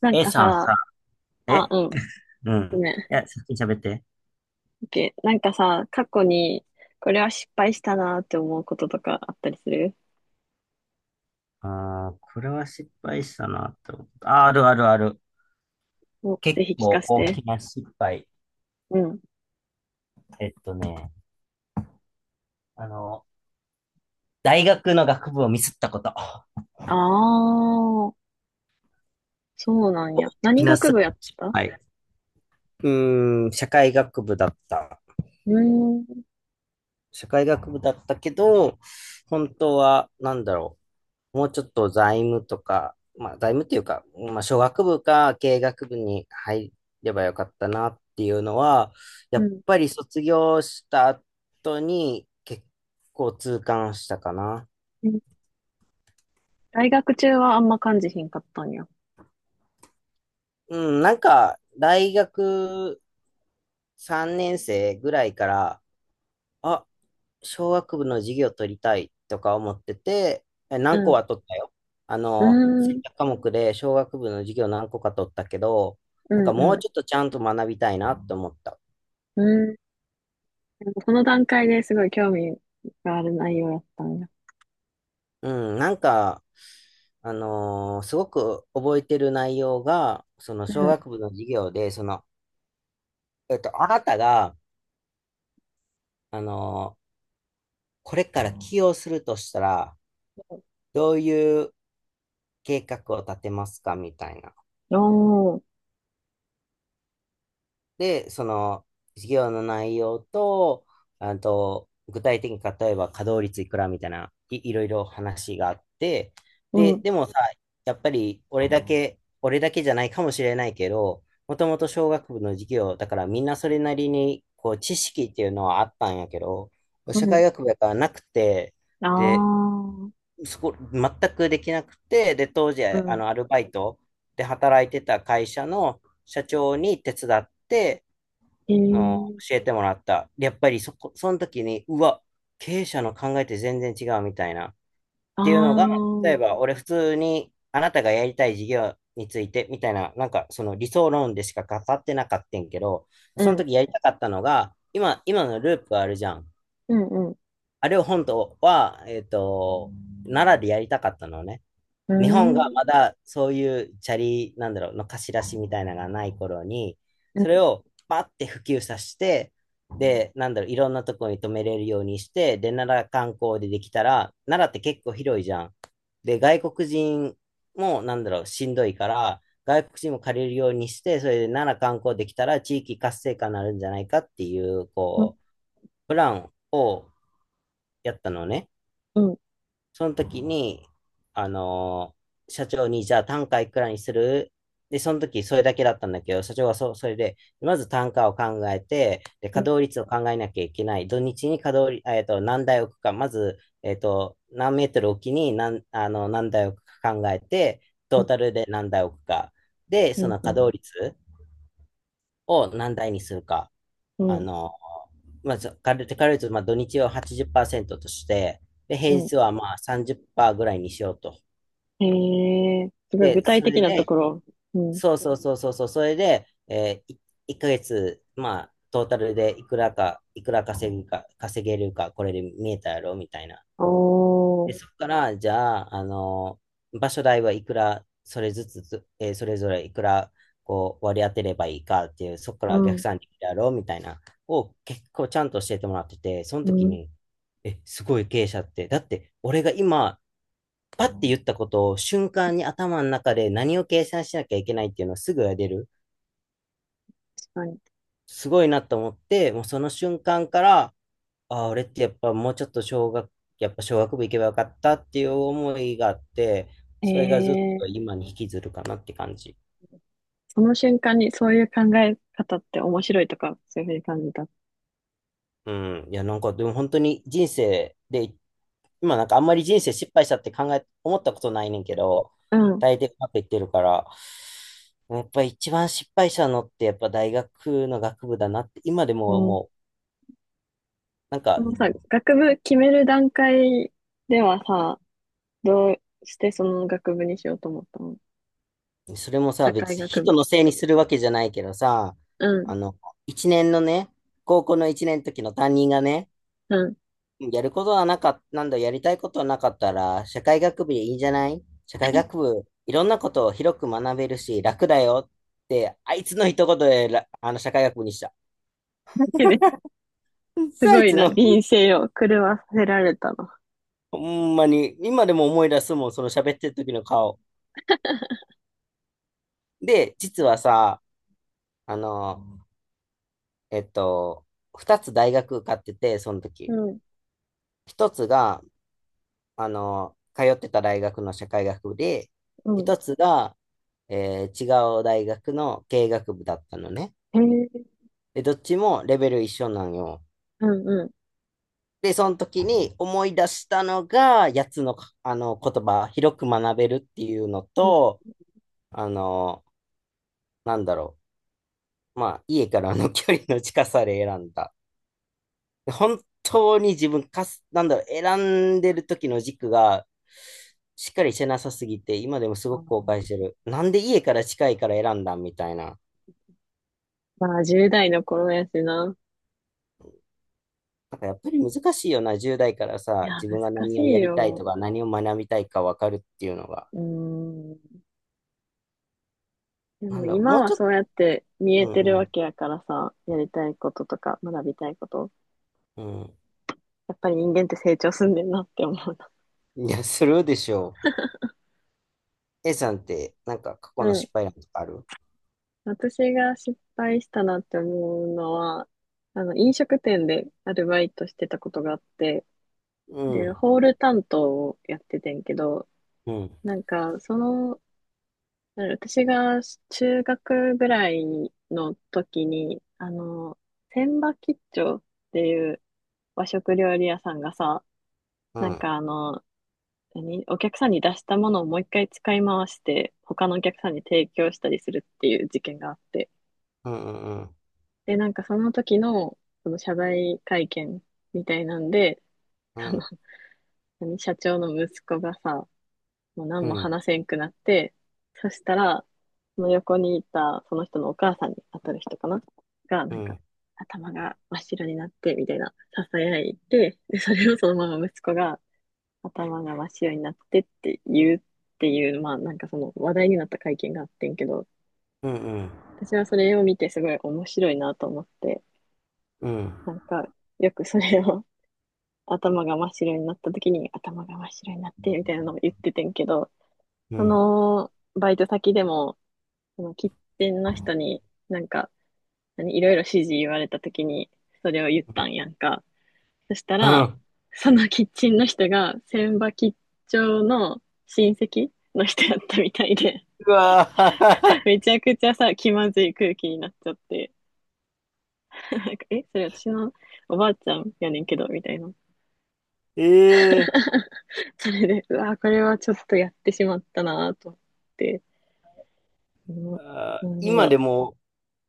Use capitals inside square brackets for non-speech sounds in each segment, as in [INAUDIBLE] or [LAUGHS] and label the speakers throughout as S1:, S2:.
S1: なん
S2: A
S1: か
S2: さんさ、
S1: さ、あ、
S2: え
S1: うん、
S2: う
S1: ご
S2: ん。
S1: め
S2: い
S1: ん。
S2: や、先に喋って。
S1: OK。なんかさ、過去に、これは失敗したなって思うこととかあったりする？
S2: あー、これは失敗したなって思った。あー、あるあるある。
S1: お、
S2: 結
S1: ぜひ聞か
S2: 構
S1: せ
S2: 大
S1: て。
S2: きな失敗。
S1: うん。
S2: えっとね、あの、大学の学部をミスったこと。
S1: ああ、そうなん
S2: 大
S1: や。何
S2: きな
S1: 学部
S2: 失
S1: やった？
S2: 敗。うーん、社会学部だった。
S1: うーん、
S2: 社会学部だったけど、本当は、なんだろう。もうちょっと財務とか、まあ財務っていうか、まあ商学部か経営学部に入ればよかったなっていうのは、や
S1: う
S2: っ
S1: ん。
S2: ぱり卒業した後に結構痛感したかな。
S1: うん。大学中はあんま感じひんかったんや？
S2: うん、なんか大学3年生ぐらいから、あ、小学部の授業取りたいとか思ってて、
S1: う
S2: 何個
S1: ん。
S2: は取ったよ。
S1: うー
S2: 選
S1: ん、
S2: 択科目で小学部の授業何個か取ったけど、
S1: う
S2: なん
S1: ん、
S2: かも
S1: う
S2: うちょっ
S1: ん。
S2: とちゃんと学びたいなって思った。
S1: うーん。でもこの段階ですごい興味がある内容やったんや？
S2: うん、なんか、すごく覚えてる内容が、その
S1: う
S2: 小
S1: ん。
S2: 学部の授業で、その、あなたが、あのーこれから起用するとしたら、どういう計画を立てますかみたいな。
S1: おー、
S2: で、その、授業の内容と、あと、具体的に例えば稼働率いくらみたいな、いろいろ話があって、
S1: う
S2: で、
S1: ん、
S2: でもさ、やっぱり俺だけ、俺だけじゃないかもしれないけど、もともと小学部の授業、だからみんなそれなりに、こう、知識っていうのはあったんやけど、
S1: う
S2: 社
S1: ん。
S2: 会学部やからなくて、で、
S1: ああ、
S2: そこ、全くできなくて、で、当時、
S1: うん。
S2: アルバイトで働いてた会社の社長に手伝って、
S1: へ
S2: の
S1: え。
S2: 教えてもらった。やっぱりそこ、その時に、うわ、経営者の考えって全然違うみたいな。っ
S1: ああ、
S2: ていうのが、例
S1: う
S2: え
S1: ん、
S2: ば俺普通にあなたがやりたい事業についてみたいな、なんかその理想論でしか語ってなかったんけど、
S1: う
S2: その
S1: ん、
S2: 時やりたかったのが、今のループあるじゃん。
S1: うん、
S2: あれを本当は、奈良でやりたかったのね。
S1: う
S2: 日本が
S1: ん、
S2: ま
S1: う
S2: だそういうチャリ、なんだろう、の貸し出しみたいなのがない頃に、
S1: ーん、う
S2: それ
S1: ん、
S2: をバッて普及させて、で、なんだろう、いろんなところに止めれるようにして、で、奈良観光でできたら、奈良って結構広いじゃん。で、外国人も、なんだろう、しんどいから、外国人も借りるようにして、それで奈良観光できたら地域活性化になるんじゃないかっていう、
S1: うん、
S2: こう、プランをやったのね。
S1: うん、
S2: その時に、あのー社長に、じゃあ単価いくらにする？で、その時それだけだったんだけど、社長はそれで、まず単価を考えて、で、
S1: う
S2: 稼
S1: ん、
S2: 働率を考えなきゃいけない。土日に稼働率、何台置くか、まず、何メートル置きに何、あの、何台置くか考えて、
S1: う
S2: トー
S1: ん、
S2: タルで何台置くか。で、
S1: う
S2: その稼
S1: ん、
S2: 働率を何台にするか。
S1: う
S2: あ
S1: ん、
S2: の、まず、ざ軽く、軽く言うと、まあ、土日を80%として、で、平
S1: うん。
S2: 日はまあ30%ぐらいにしようと。
S1: へえ、すごい具
S2: で、
S1: 体
S2: それ
S1: 的なと
S2: で、
S1: ころ。うん。
S2: そうそうそうそうそう、それで、1ヶ月、まあ、トータルでいくらか、いくら稼ぐか、稼げるか、これで見えたやろ、みたいな。
S1: お
S2: で、
S1: ー、
S2: そこから、じゃあ、場所代はいくら、それずつつ、えーそれぞれいくら、こう、割り当てればいいかっていう、そこか
S1: う
S2: ら逆
S1: ん、
S2: 算でやろうみたいな、を結構ちゃんと教えてもらってて、その
S1: う
S2: 時
S1: ん、
S2: に、すごい経営者って、だって、俺が今、パッて言ったことを瞬間に頭の中で何を計算しなきゃいけないっていうのをすぐやれる。
S1: 確かに。
S2: すごいなと思って、もうその瞬間から、ああ、俺ってやっぱもうちょっとやっぱ小学部行けばよかったっていう思いがあって、
S1: へ
S2: それがずっ
S1: え、
S2: と今に引きずるかなって感じ。
S1: その瞬間にそういう考え方って面白いとか、そういうふうに感じた？
S2: うん。いや、なんかでも本当に人生で、今なんかあんまり人生失敗したって思ったことないねんけど、
S1: うん、
S2: 大抵うまくいってるから、やっぱ一番失敗したのってやっぱ大学の学部だなって、今で
S1: う
S2: も
S1: ん。
S2: もう、なん
S1: そ
S2: か
S1: のさ、学部決める段階ではさ、どうしてその学部にしようと思ったの？
S2: それもさ、
S1: 社会
S2: 別に
S1: 学部。
S2: 人のせいにするわけじゃないけどさ、
S1: うん、
S2: あの、一年のね、高校の一年の時の担任がね、
S1: うん。
S2: やりたいことはなかったら、社会学部でいいんじゃない社会学部、いろんなことを広く学べるし、楽だよって、あいつの一言で、らあの、社会学部にした。
S1: だけどす
S2: さあ
S1: ご
S2: い
S1: い
S2: つ
S1: な、
S2: の、
S1: 人生を狂わせられたな。
S2: ほんまに、今でも思い出すもん、その喋ってる時の顔。で、実はさ、あの、えっと、二つ大学受かってて、その時。
S1: うん、
S2: 一つが、通ってた大学の社会学部で、
S1: うん。
S2: 一つが、違う大学の経営学部だったのね。
S1: へえ、
S2: で、どっちもレベル一緒なんよ。
S1: うん、うん。
S2: で、その時に思い出したのが、やつの、あの言葉、広く学べるっていうの
S1: うん。
S2: と、あの、なんだろう。まあ、家からの距離の近さで選んだ。本当に自分かなんだ選んでる時の軸がしっかりしてなさすぎて今でもす
S1: あ
S2: ごく後
S1: ー
S2: 悔してる。なんで家から近いから選んだみたいな。
S1: まあ、10代の頃やしな。
S2: なんかやっぱり難しいよな、十代から
S1: い
S2: さ
S1: や、
S2: 自分が
S1: 難し
S2: 何を
S1: い
S2: やりたい
S1: よ。
S2: とか何を学みたいかわかるっていうのが。
S1: うーん。で
S2: な
S1: も
S2: んだも
S1: 今
S2: う
S1: は
S2: ちょっ
S1: そ
S2: と。
S1: うやって見え
S2: う
S1: てるわ
S2: ん。
S1: けやからさ、やりたいこととか学びたいこと。
S2: うん。
S1: やっぱり人間って成長すんねんなって思うな。
S2: うん、いやするでしょ。 A さんってなんか過
S1: う
S2: 去の
S1: ん。
S2: 失敗ある？
S1: 私が失敗したなって思うのは、飲食店でアルバイトしてたことがあって、
S2: う
S1: で、ホー
S2: ん。
S1: ル担当をやっててんけど、
S2: うん。
S1: なんか、私が中学ぐらいの時に、千葉吉兆っていう和食料理屋さんがさ、
S2: う
S1: なん
S2: ん。
S1: かお客さんに出したものをもう一回使い回して、他のお客さんに提供したりするっていう事件があって。
S2: うん。うん。
S1: で、なんかその時の、その謝罪会見みたいなんで、
S2: う
S1: その、
S2: ん。
S1: 社長の息子がさ、もう
S2: う
S1: 何も
S2: ん。
S1: 話せんくなって、そしたら、その横にいたその人のお母さんに当たる人かなが、
S2: う
S1: なんか、
S2: ん。
S1: 頭が真っ白になって、みたいな、囁いて、で、それをそのまま息子が、頭が真っ白になってって言うっていう、まあ、なんかその話題になった会見があってんけど、
S2: うん。
S1: 私はそれを見てすごい面白いなと思って、
S2: うん。
S1: なんか、よくそれを頭が真っ白になった時に、頭が真っ白になって、みたいなのを言っててんけど、
S2: うん。
S1: バイト先でも、その喫ンの人に、なんか、いろいろ指示言われた時に、それを言ったんやんか。そした
S2: う
S1: ら、
S2: ん。
S1: そのキッチンの人が、千葉吉兆の親戚の人やったみたいで、
S2: うわー。
S1: [LAUGHS] めちゃくちゃさ、気まずい空気になっちゃって、[LAUGHS] なんか、え、それ私のおばあちゃんやねんけど、みたいな。
S2: [LAUGHS] ええ
S1: [LAUGHS] それで、うわ、これはちょっとやってしまったなぁと思って、う
S2: ー。
S1: ん。
S2: あ
S1: な
S2: ー
S1: んだ
S2: 今
S1: ろ
S2: でも、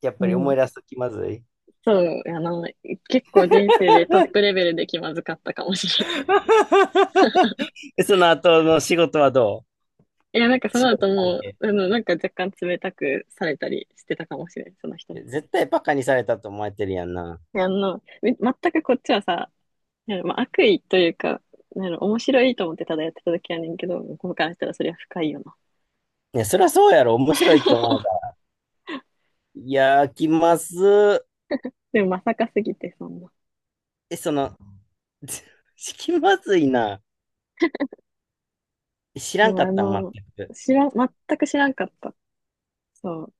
S2: やっぱり
S1: う
S2: 思
S1: ん、
S2: い出すと気まずい。
S1: そう、結構人生でトップレベルで気まずかったかもしれない。
S2: [LAUGHS] その後の仕事はど
S1: [LAUGHS] いや、なんか
S2: う？
S1: そ
S2: 仕
S1: の後
S2: 事関
S1: もう、
S2: 係。
S1: なんか若干冷たくされたりしてたかもしれない、その人には。
S2: 絶対バカにされたと思われてるやんな。
S1: いや全くこっちはさ、いやまあ、悪意というか、面白いと思ってただやってた時やねんけど、向こうからしたらそれは深いよな。
S2: いや、そりゃそうやろ。面白いって思われた。
S1: [LAUGHS]
S2: いやー、気まず
S1: でもまさかすぎて、そんな。
S2: い。え、その、[LAUGHS] 気まずいな。知らん
S1: もう
S2: かったん、全く。
S1: 知らん、全く知らんかった。そう。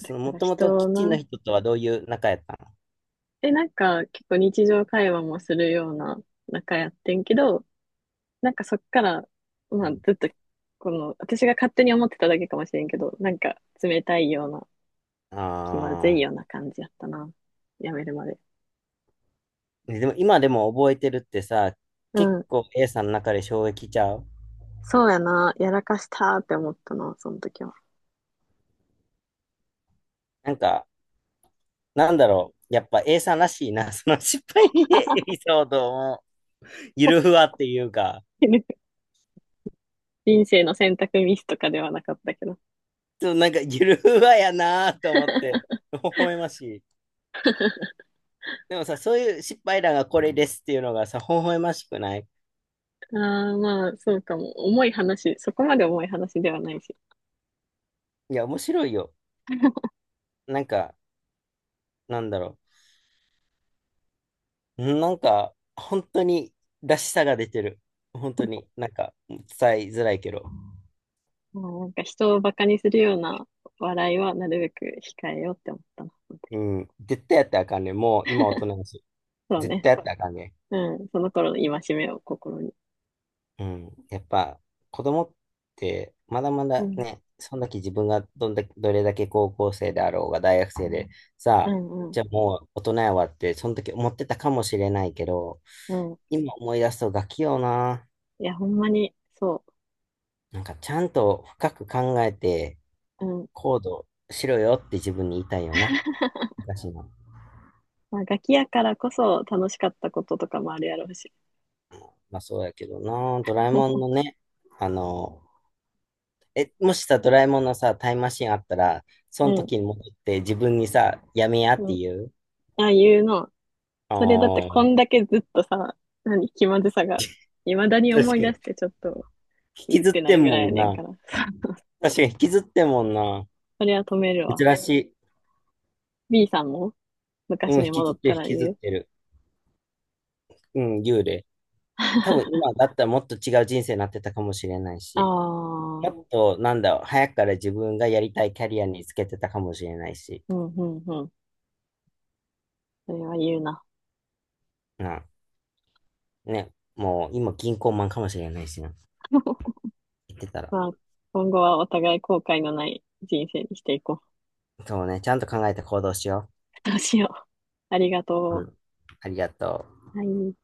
S1: だ
S2: の、
S1: か
S2: も
S1: ら
S2: ともと
S1: 人
S2: キッチンの
S1: な、
S2: 人とはどういう仲やった
S1: え、なんか結構日常会話もするような仲やってんけど、なんかそっから、まあずっと、私が勝手に思ってただけかもしれんけど、なんか冷たいような、気まずい
S2: の？ああ
S1: ような感じやったな。やめるまで。
S2: ー。でも、今でも覚えてるってさ、
S1: う
S2: 結
S1: ん。
S2: 構 A さんの中で衝撃ちゃう？
S1: そうやな。やらかしたーって思ったな、その時は。
S2: なんか、なんだろう。やっぱ A さんらしいな。[LAUGHS] その失敗エピソードも、ゆるふ
S1: [LAUGHS]
S2: わっていうか、
S1: 人生の選択ミスとかではなかったけど。
S2: ちょっとなんかゆるふわやなと思っ
S1: [LAUGHS]
S2: て、微笑ましい。でもさ、そういう失敗談がこれですっていうのがさ、微笑ましくない？
S1: ああ、まあ、そうかも。重い話、そこまで重い話ではないし。
S2: いや、面白いよ。なんか、なんだろう。うんなんか、本当にらしさが出てる。本当に、なんか、伝えづらいけど。
S1: まあ、なんか人をバカにするような笑いはなるべく控えようって思ったな、その時。
S2: うん。絶対やったらあかんねん。もう今大人だし。
S1: そう
S2: 絶
S1: ね。
S2: 対やったらあかんねん。
S1: うん。その頃の戒めを心に。
S2: うん、やっぱ子供ってまだま
S1: う
S2: だ
S1: ん。
S2: ね、その時自分がどんだけ、どれだけ高校生であろうが大学生で、さ
S1: う
S2: あ、
S1: んうん
S2: じゃあもう大人やわって、その時思ってたかもしれないけど、
S1: うん。
S2: 今思い出すとガキよな。
S1: いや、ほんまに、そ
S2: なんかちゃんと深く考えて
S1: う。うん。
S2: 行動しろよって自分に言いたいよな。
S1: [LAUGHS]
S2: 昔の。
S1: まあ、ガキやからこそ楽しかったこととかもあるやろうし。
S2: まあそうやけどな。ドラえもんの
S1: [LAUGHS]
S2: ね、あの、もしさ、ドラえもんのさ、タイムマシンあったら、そ
S1: う
S2: の
S1: ん、
S2: 時に戻って自分にさ、やめやっ
S1: うん。
S2: て言う。
S1: ああいうの。
S2: あ
S1: それだってこ
S2: あ、
S1: んだけずっとさ、気まずさが、未だに
S2: 確
S1: 思い
S2: か
S1: 出し
S2: に。
S1: てちょっと、
S2: 引き
S1: うっ
S2: ずっ
S1: てな
S2: て
S1: る
S2: ん
S1: ぐ
S2: も
S1: らいや
S2: ん
S1: ねん
S2: な。
S1: から。[LAUGHS]
S2: 確かに引きずってんもんな。
S1: それは止めるわ。
S2: 珍しい。
S1: B さんも
S2: う
S1: 昔
S2: ん、
S1: に
S2: 引き
S1: 戻
S2: ずっ
S1: っ
S2: て
S1: た
S2: る、引
S1: ら
S2: きずっ
S1: 言う？
S2: てる。うん、幽霊。多分今だったらもっと違う人生になってたかもしれない
S1: あ
S2: し、
S1: あー、
S2: もっと、なんだろう、早くから自分がやりたいキャリアにつけてたかもしれないし、
S1: うんうんうん。それは言うな。
S2: な、ね、もう今銀行マンかもしれないしな。言ってたら。
S1: まあ、今後はお互い後悔のない人生にしていこ
S2: そうね、ちゃんと考えて行動しよ
S1: う。どうしよう。ありがと
S2: う。うん、
S1: う。
S2: ありがとう。
S1: はい。